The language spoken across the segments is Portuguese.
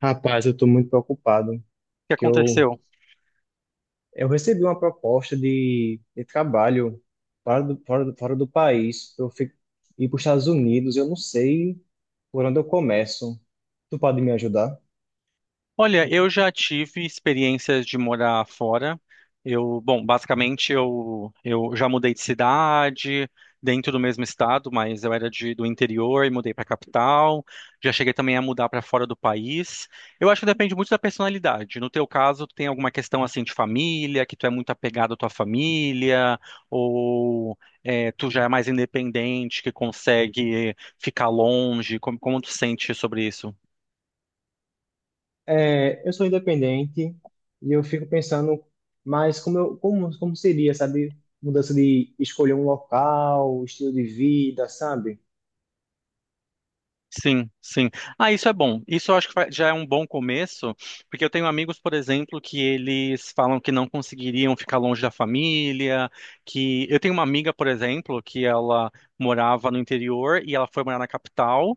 Rapaz, eu estou muito preocupado, Que que eu, aconteceu? eu recebi uma proposta de trabalho fora do país, para eu ir para os Estados Unidos. Eu não sei por onde eu começo. Tu pode me ajudar? Olha, eu já tive experiências de morar fora. Eu, bom, basicamente eu já mudei de cidade, dentro do mesmo estado, mas eu era de, do interior e mudei para a capital. Já cheguei também a mudar para fora do país. Eu acho que depende muito da personalidade. No teu caso, tu tem alguma questão assim de família, que tu é muito apegado à tua família, ou é, tu já é mais independente, que consegue ficar longe? Como tu sente sobre isso? É, eu sou independente e eu fico pensando, mas como seria, sabe, mudança de escolher um local, estilo de vida, sabe? Sim, sim. Ah, isso é bom. Isso eu acho que vai- já é um bom começo, porque eu tenho amigos, por exemplo, que eles falam que não conseguiriam ficar longe da família, que eu tenho uma amiga, por exemplo, que ela morava no interior e ela foi morar na capital.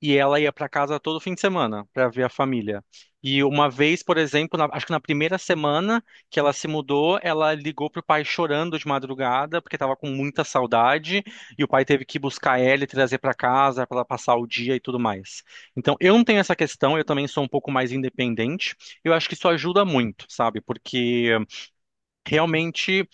E ela ia para casa todo fim de semana para ver a família. E uma vez, por exemplo, na- acho que na primeira semana que ela se mudou, ela ligou pro pai chorando de madrugada porque estava com muita saudade e o pai teve que buscar ela e trazer para casa para ela passar o dia e tudo mais. Então, eu não tenho essa questão, eu também sou um pouco mais independente. Eu acho que isso ajuda muito, sabe? Porque realmente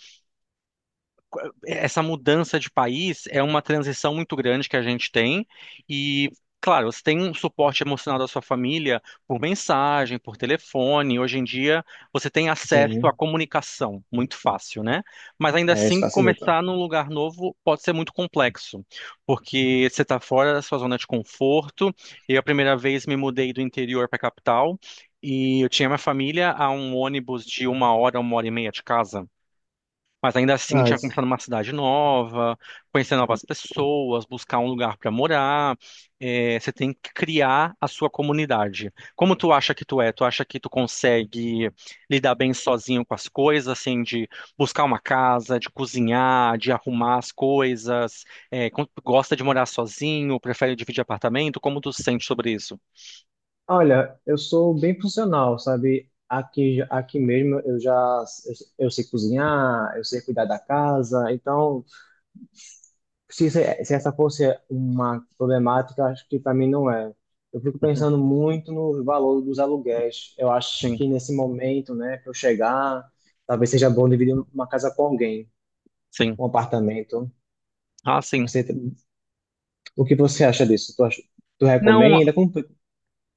essa mudança de país é uma transição muito grande que a gente tem e claro, você tem um suporte emocional da sua família por mensagem, por telefone. Hoje em dia, você tem acesso à Sim, comunicação muito fácil, né? Mas ainda é, isso assim, facilita. começar num lugar novo pode ser muito complexo, porque você está fora da sua zona de conforto. Eu, a primeira vez, me mudei do interior para a capital e eu tinha minha família a um ônibus de uma hora e meia de casa. Mas ainda assim, Ah, tinha isso. começado numa cidade nova, conhecer novas pessoas, buscar um lugar para morar. É, você tem que criar a sua comunidade. Como tu acha que tu é? Tu acha que tu consegue lidar bem sozinho com as coisas, assim, de buscar uma casa, de cozinhar, de arrumar as coisas? É, con- gosta de morar sozinho? Prefere dividir apartamento? Como tu se sente sobre isso? Olha, eu sou bem funcional, sabe? Aqui, aqui mesmo eu sei cozinhar, eu sei cuidar da casa. Então, se essa fosse uma problemática, acho que para mim não é. Eu fico Uhum, pensando muito no valor dos aluguéis. Eu acho sim, que nesse momento, né, que eu chegar, talvez seja bom dividir uma casa com alguém, sim. um apartamento. Ah, sim. Você, o que você acha disso? Tu Não, recomenda?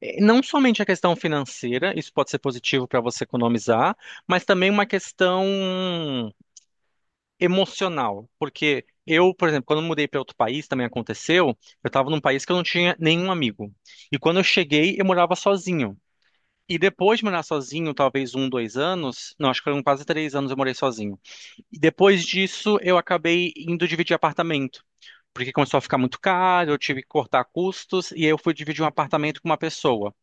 não somente a questão financeira, isso pode ser positivo para você economizar, mas também uma questão emocional, porque eu, por exemplo, quando eu mudei para outro país, também aconteceu, eu estava num país que eu não tinha nenhum amigo. E quando eu cheguei, eu morava sozinho. E depois de morar sozinho, talvez um, dois anos, não, acho que foram quase três anos eu morei sozinho. E depois disso, eu acabei indo dividir apartamento porque começou a ficar muito caro, eu tive que cortar custos, e aí eu fui dividir um apartamento com uma pessoa.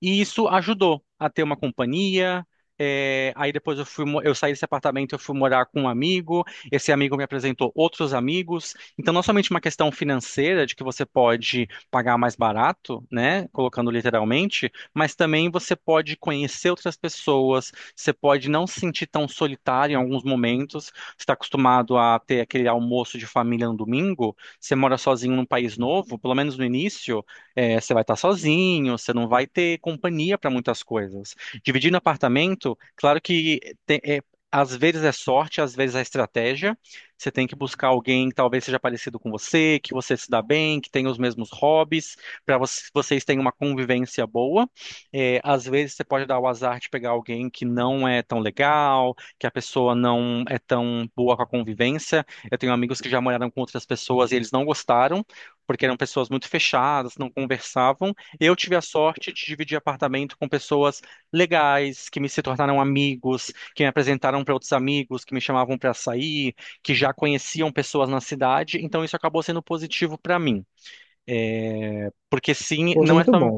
E isso ajudou a ter uma companhia. É, aí depois eu fui, mo- eu saí desse apartamento, eu fui morar com um amigo. Esse amigo me apresentou outros amigos. Então, não somente uma questão financeira de que você pode pagar mais barato, né, colocando literalmente, mas também você pode conhecer outras pessoas. Você pode não se sentir tão solitário em alguns momentos. Você está acostumado a ter aquele almoço de família no domingo. Você mora sozinho num país novo, pelo menos no início. É, você vai estar sozinho, você não vai ter companhia para muitas coisas. Dividindo apartamento, claro que te- é, às vezes é sorte, às vezes é estratégia. Você tem que buscar alguém que talvez seja parecido com você, que você se dá bem, que tenha os mesmos hobbies, para vocês tenham uma convivência boa. É, às vezes você pode dar o azar de pegar alguém que não é tão legal, que a pessoa não é tão boa com a convivência. Eu tenho amigos que já moraram com outras pessoas e eles não gostaram porque eram pessoas muito fechadas, não conversavam. Eu tive a sorte de dividir apartamento com pessoas legais, que me se tornaram amigos, que me apresentaram para outros amigos, que me chamavam para sair, que já conheciam pessoas na cidade. Então isso acabou sendo positivo para mim. É, porque sim, Poxa, não é muito só bom.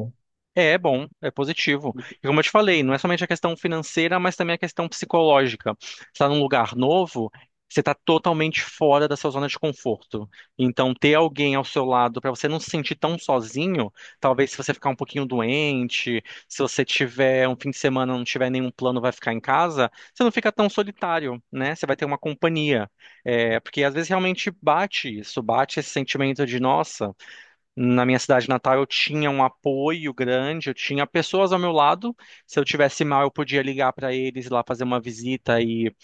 é, é bom, é positivo. E como eu te falei, não é somente a questão financeira, mas também a questão psicológica. Você está num lugar novo, você está totalmente fora da sua zona de conforto. Então, ter alguém ao seu lado para você não se sentir tão sozinho, talvez se você ficar um pouquinho doente, se você tiver um fim de semana, não tiver nenhum plano, vai ficar em casa, você não fica tão solitário, né? Você vai ter uma companhia. É, porque às vezes realmente bate isso, bate esse sentimento de, nossa. Na minha cidade natal, eu tinha um apoio grande, eu tinha pessoas ao meu lado. Se eu tivesse mal, eu podia ligar para eles lá fazer uma visita e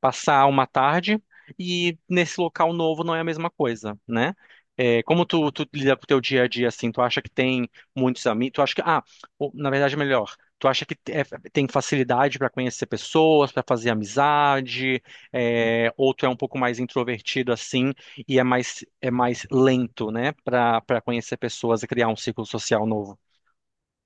passar uma tarde e nesse local novo não é a mesma coisa, né? É, como tu, tu lida com o teu dia a dia assim, tu acha que tem muitos amigos, tu acha que, ah, o- na verdade é melhor, tu acha que te- é- tem facilidade para conhecer pessoas, para fazer amizade, é, ou tu é um pouco mais introvertido assim e é mais lento, né, para conhecer pessoas e criar um ciclo social novo?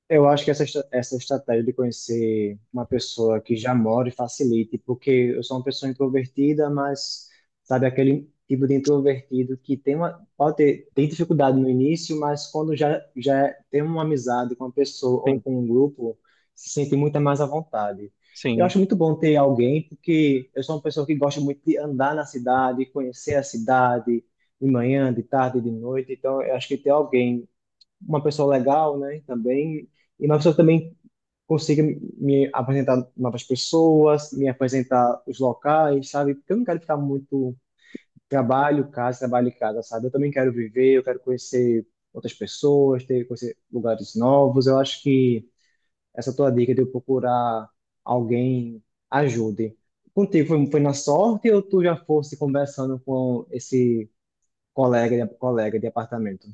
Eu acho que essa estratégia de conhecer uma pessoa que já mora e facilite, porque eu sou uma pessoa introvertida, mas sabe aquele tipo de introvertido que pode ter, tem dificuldade no início, mas quando já tem uma amizade com uma pessoa ou Sim, com um grupo, se sente muito mais à vontade. Eu sim, acho muito bom ter alguém, porque eu sou uma pessoa que gosta muito de andar na cidade, conhecer a cidade de manhã, de tarde, de noite. Então, eu acho que ter alguém, uma pessoa legal, né? Também. E uma pessoa que também consiga me apresentar novas pessoas, me apresentar os locais, sabe? Porque eu não quero ficar muito trabalho, casa, trabalho e casa, sabe? Eu também quero viver, eu quero conhecer outras pessoas, ter, conhecer lugares novos. Eu acho que essa tua dica de eu procurar alguém ajude. Contigo foi na sorte ou tu já fosse conversando com esse colega de apartamento?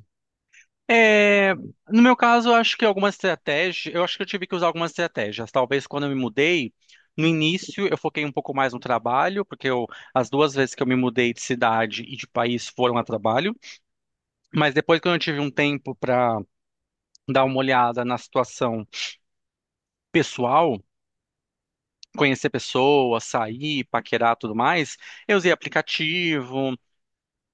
é, no meu caso, eu acho que algumas estratégias, eu acho que eu tive que usar algumas estratégias. Talvez quando eu me mudei, no início eu foquei um pouco mais no trabalho, porque eu, as duas vezes que eu me mudei de cidade e de país foram a trabalho. Mas depois, quando eu tive um tempo para dar uma olhada na situação pessoal, conhecer pessoas, sair, paquerar, tudo mais, eu usei aplicativo,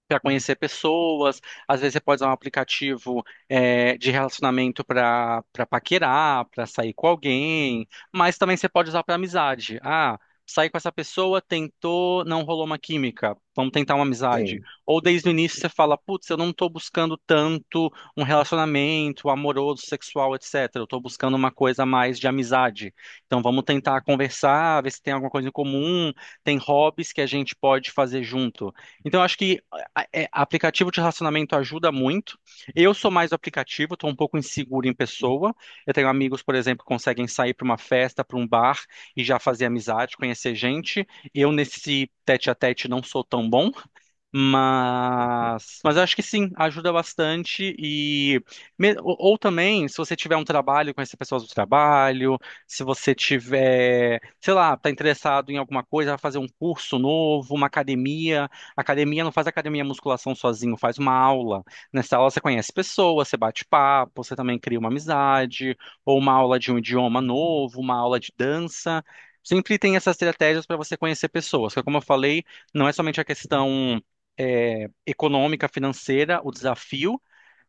para conhecer pessoas, às vezes você pode usar um aplicativo é, de relacionamento para paquerar, para sair com alguém, mas também você pode usar para amizade. Ah, saí com essa pessoa, tentou, não rolou uma química, vamos tentar uma amizade. Sim. Ou desde o início você fala, putz, eu não estou buscando tanto um relacionamento amoroso, sexual, etc. Eu estou buscando uma coisa mais de amizade. Então vamos tentar conversar, ver se tem alguma coisa em comum, tem hobbies que a gente pode fazer junto. Então, eu acho que a- é, aplicativo de relacionamento ajuda muito. Eu sou mais do aplicativo, estou um pouco inseguro em pessoa. Eu tenho amigos, por exemplo, que conseguem sair para uma festa, para um bar e já fazer amizade, conhecer gente. Eu, nesse tete a tete, não sou tão bom. Mas eu acho que sim, ajuda bastante e me- ou também, se você tiver um trabalho, conhecer pessoas do trabalho, se você tiver, sei lá, tá interessado em alguma coisa, vai fazer um curso novo, uma academia, academia não faz academia musculação sozinho, faz uma aula. Nessa aula você conhece pessoas, você bate papo, você também cria uma amizade, ou uma aula de um idioma novo, uma aula de dança. Sempre tem essas estratégias para você conhecer pessoas, que como eu falei, não é somente a questão é, econômica, financeira, o desafio,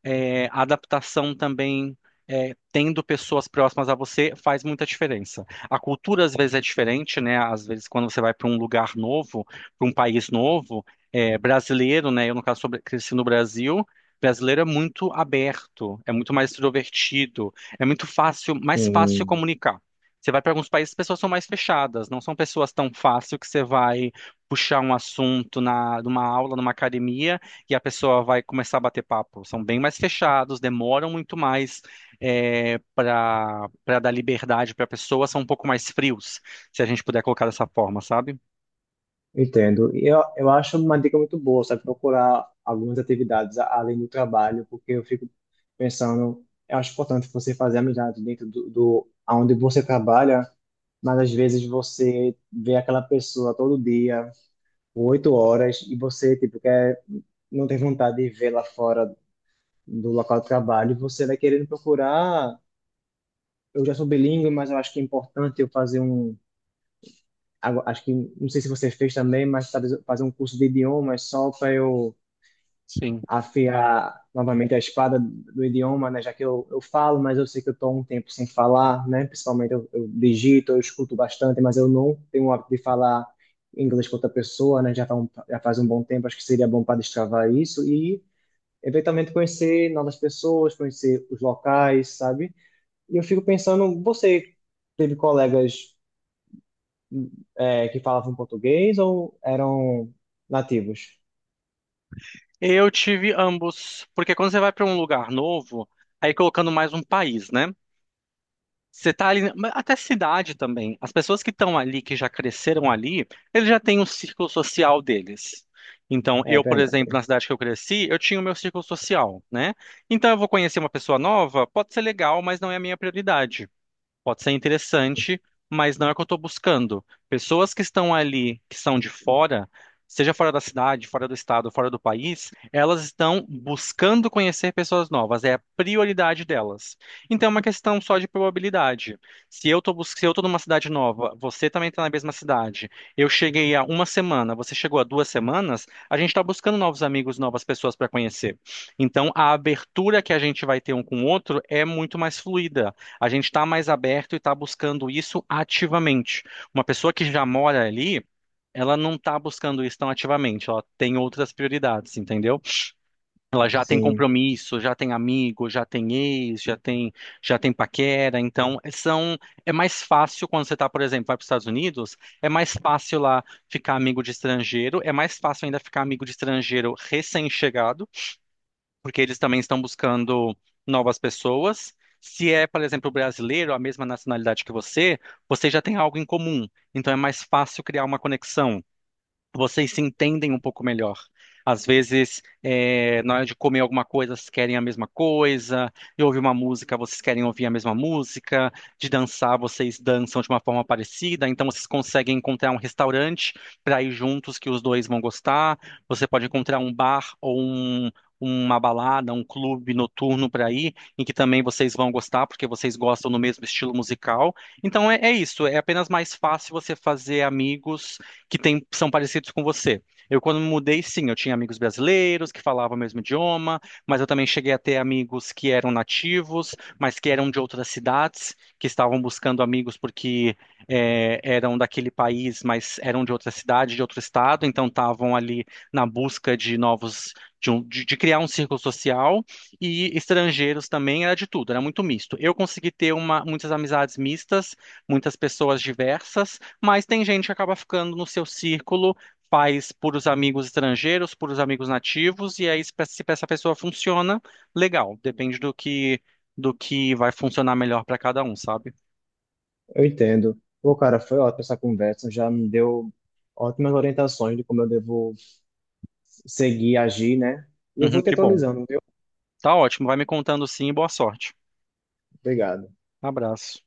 é, a adaptação também, é, tendo pessoas próximas a você, faz muita diferença. A cultura às vezes é diferente, né? Às vezes quando você vai para um lugar novo, para um país novo, é, brasileiro, né? Eu no caso sou, bra- cresci no Brasil. Brasileiro é muito aberto, é muito mais extrovertido, é muito fácil, mais fácil se Sim. comunicar. Você vai para alguns países, as pessoas são mais fechadas, não são pessoas tão fácil que você vai puxar um assunto na, numa aula, numa academia que a pessoa vai começar a bater papo. São bem mais fechados, demoram muito mais para dar liberdade para a pessoa, são um pouco mais frios, se a gente puder colocar dessa forma, sabe? Entendo. E eu acho uma dica muito boa, sabe? Procurar algumas atividades além do trabalho, porque eu fico pensando, eu acho importante você fazer amizade dentro do aonde você trabalha, mas às vezes você vê aquela pessoa todo dia, por oito horas, e você, tipo, quer, não tem vontade de vê-la fora do local de trabalho, e você vai querendo procurar. Eu já sou bilíngue, mas eu acho que é importante eu fazer um. Agora, acho que, não sei se você fez também, mas talvez eu fazer um curso de idiomas só para eu Sim. afiar novamente a espada do idioma, né? Já que eu falo, mas eu sei que eu estou um tempo sem falar, né? Principalmente eu digito, eu escuto bastante, mas eu não tenho o hábito de falar inglês com outra pessoa, né? Já faz um bom tempo, acho que seria bom para destravar isso e eventualmente conhecer novas pessoas, conhecer os locais, sabe? E eu fico pensando, você teve colegas que falavam português ou eram nativos? Eu tive ambos, porque quando você vai para um lugar novo, aí colocando mais um país, né? Você tá ali, mas até cidade também. As pessoas que estão ali, que já cresceram ali, eles já têm um círculo social deles. Então, É eu, por verdade, exemplo, na cidade que eu cresci, eu tinha o meu círculo social, né? Então, eu vou conhecer uma pessoa nova, pode ser legal, mas não é a minha prioridade. Pode ser interessante, mas não é o que eu estou buscando. Pessoas que estão ali, que são de fora, seja fora da cidade, fora do estado, fora do país, elas estão buscando conhecer pessoas novas, é a prioridade delas. Então é uma questão só de probabilidade. Se eu estou se eu tô numa cidade nova, você também está na mesma cidade, eu cheguei há uma semana, você chegou há duas semanas, a gente está buscando novos amigos, novas pessoas para conhecer. Então a abertura que a gente vai ter um com o outro é muito mais fluida. A gente está mais aberto e está buscando isso ativamente. Uma pessoa que já mora ali, ela não está buscando isso tão ativamente, ela tem outras prioridades, entendeu? Ela já tem sim. compromisso, já tem amigo, já tem ex, já tem paquera, então são, é mais fácil quando você está, por exemplo, vai para os Estados Unidos, é mais fácil lá ficar amigo de estrangeiro, é mais fácil ainda ficar amigo de estrangeiro recém-chegado porque eles também estão buscando novas pessoas. Se é, por exemplo, brasileiro, a mesma nacionalidade que você, você já tem algo em comum. Então é mais fácil criar uma conexão vocês se entendem um pouco melhor. Às vezes, na hora de comer alguma coisa, vocês querem a mesma coisa, de ouvir uma música, vocês querem ouvir a mesma música, de dançar, vocês dançam de uma forma parecida, então vocês conseguem encontrar um restaurante para ir juntos que os dois vão gostar, você pode encontrar um bar ou um- uma balada, um clube noturno para ir, em que também vocês vão gostar, porque vocês gostam do mesmo estilo musical. Então é isso, é apenas mais fácil você fazer amigos que tem, são parecidos com você. Eu, quando me mudei, sim, eu tinha amigos brasileiros que falavam o mesmo idioma, mas eu também cheguei a ter amigos que eram nativos, mas que eram de outras cidades, que estavam buscando amigos porque eram daquele país, mas eram de outra cidade, de outro estado, então estavam ali na busca de novos, de, um- de criar um círculo social, e estrangeiros também, era de tudo, era muito misto. Eu consegui ter uma, muitas amizades mistas, muitas pessoas diversas, mas tem gente que acaba ficando no seu círculo, faz por os amigos estrangeiros, por os amigos nativos, e aí se pe- se essa pessoa funciona, legal. Depende do que vai funcionar melhor para cada um, sabe? Eu entendo. Pô, cara, foi ótima essa conversa, já me deu ótimas orientações de como eu devo seguir, agir, né? E eu vou Uhum, te que bom. atualizando, viu? Tá ótimo. Vai me contando sim. Boa sorte. Obrigado. Abraço.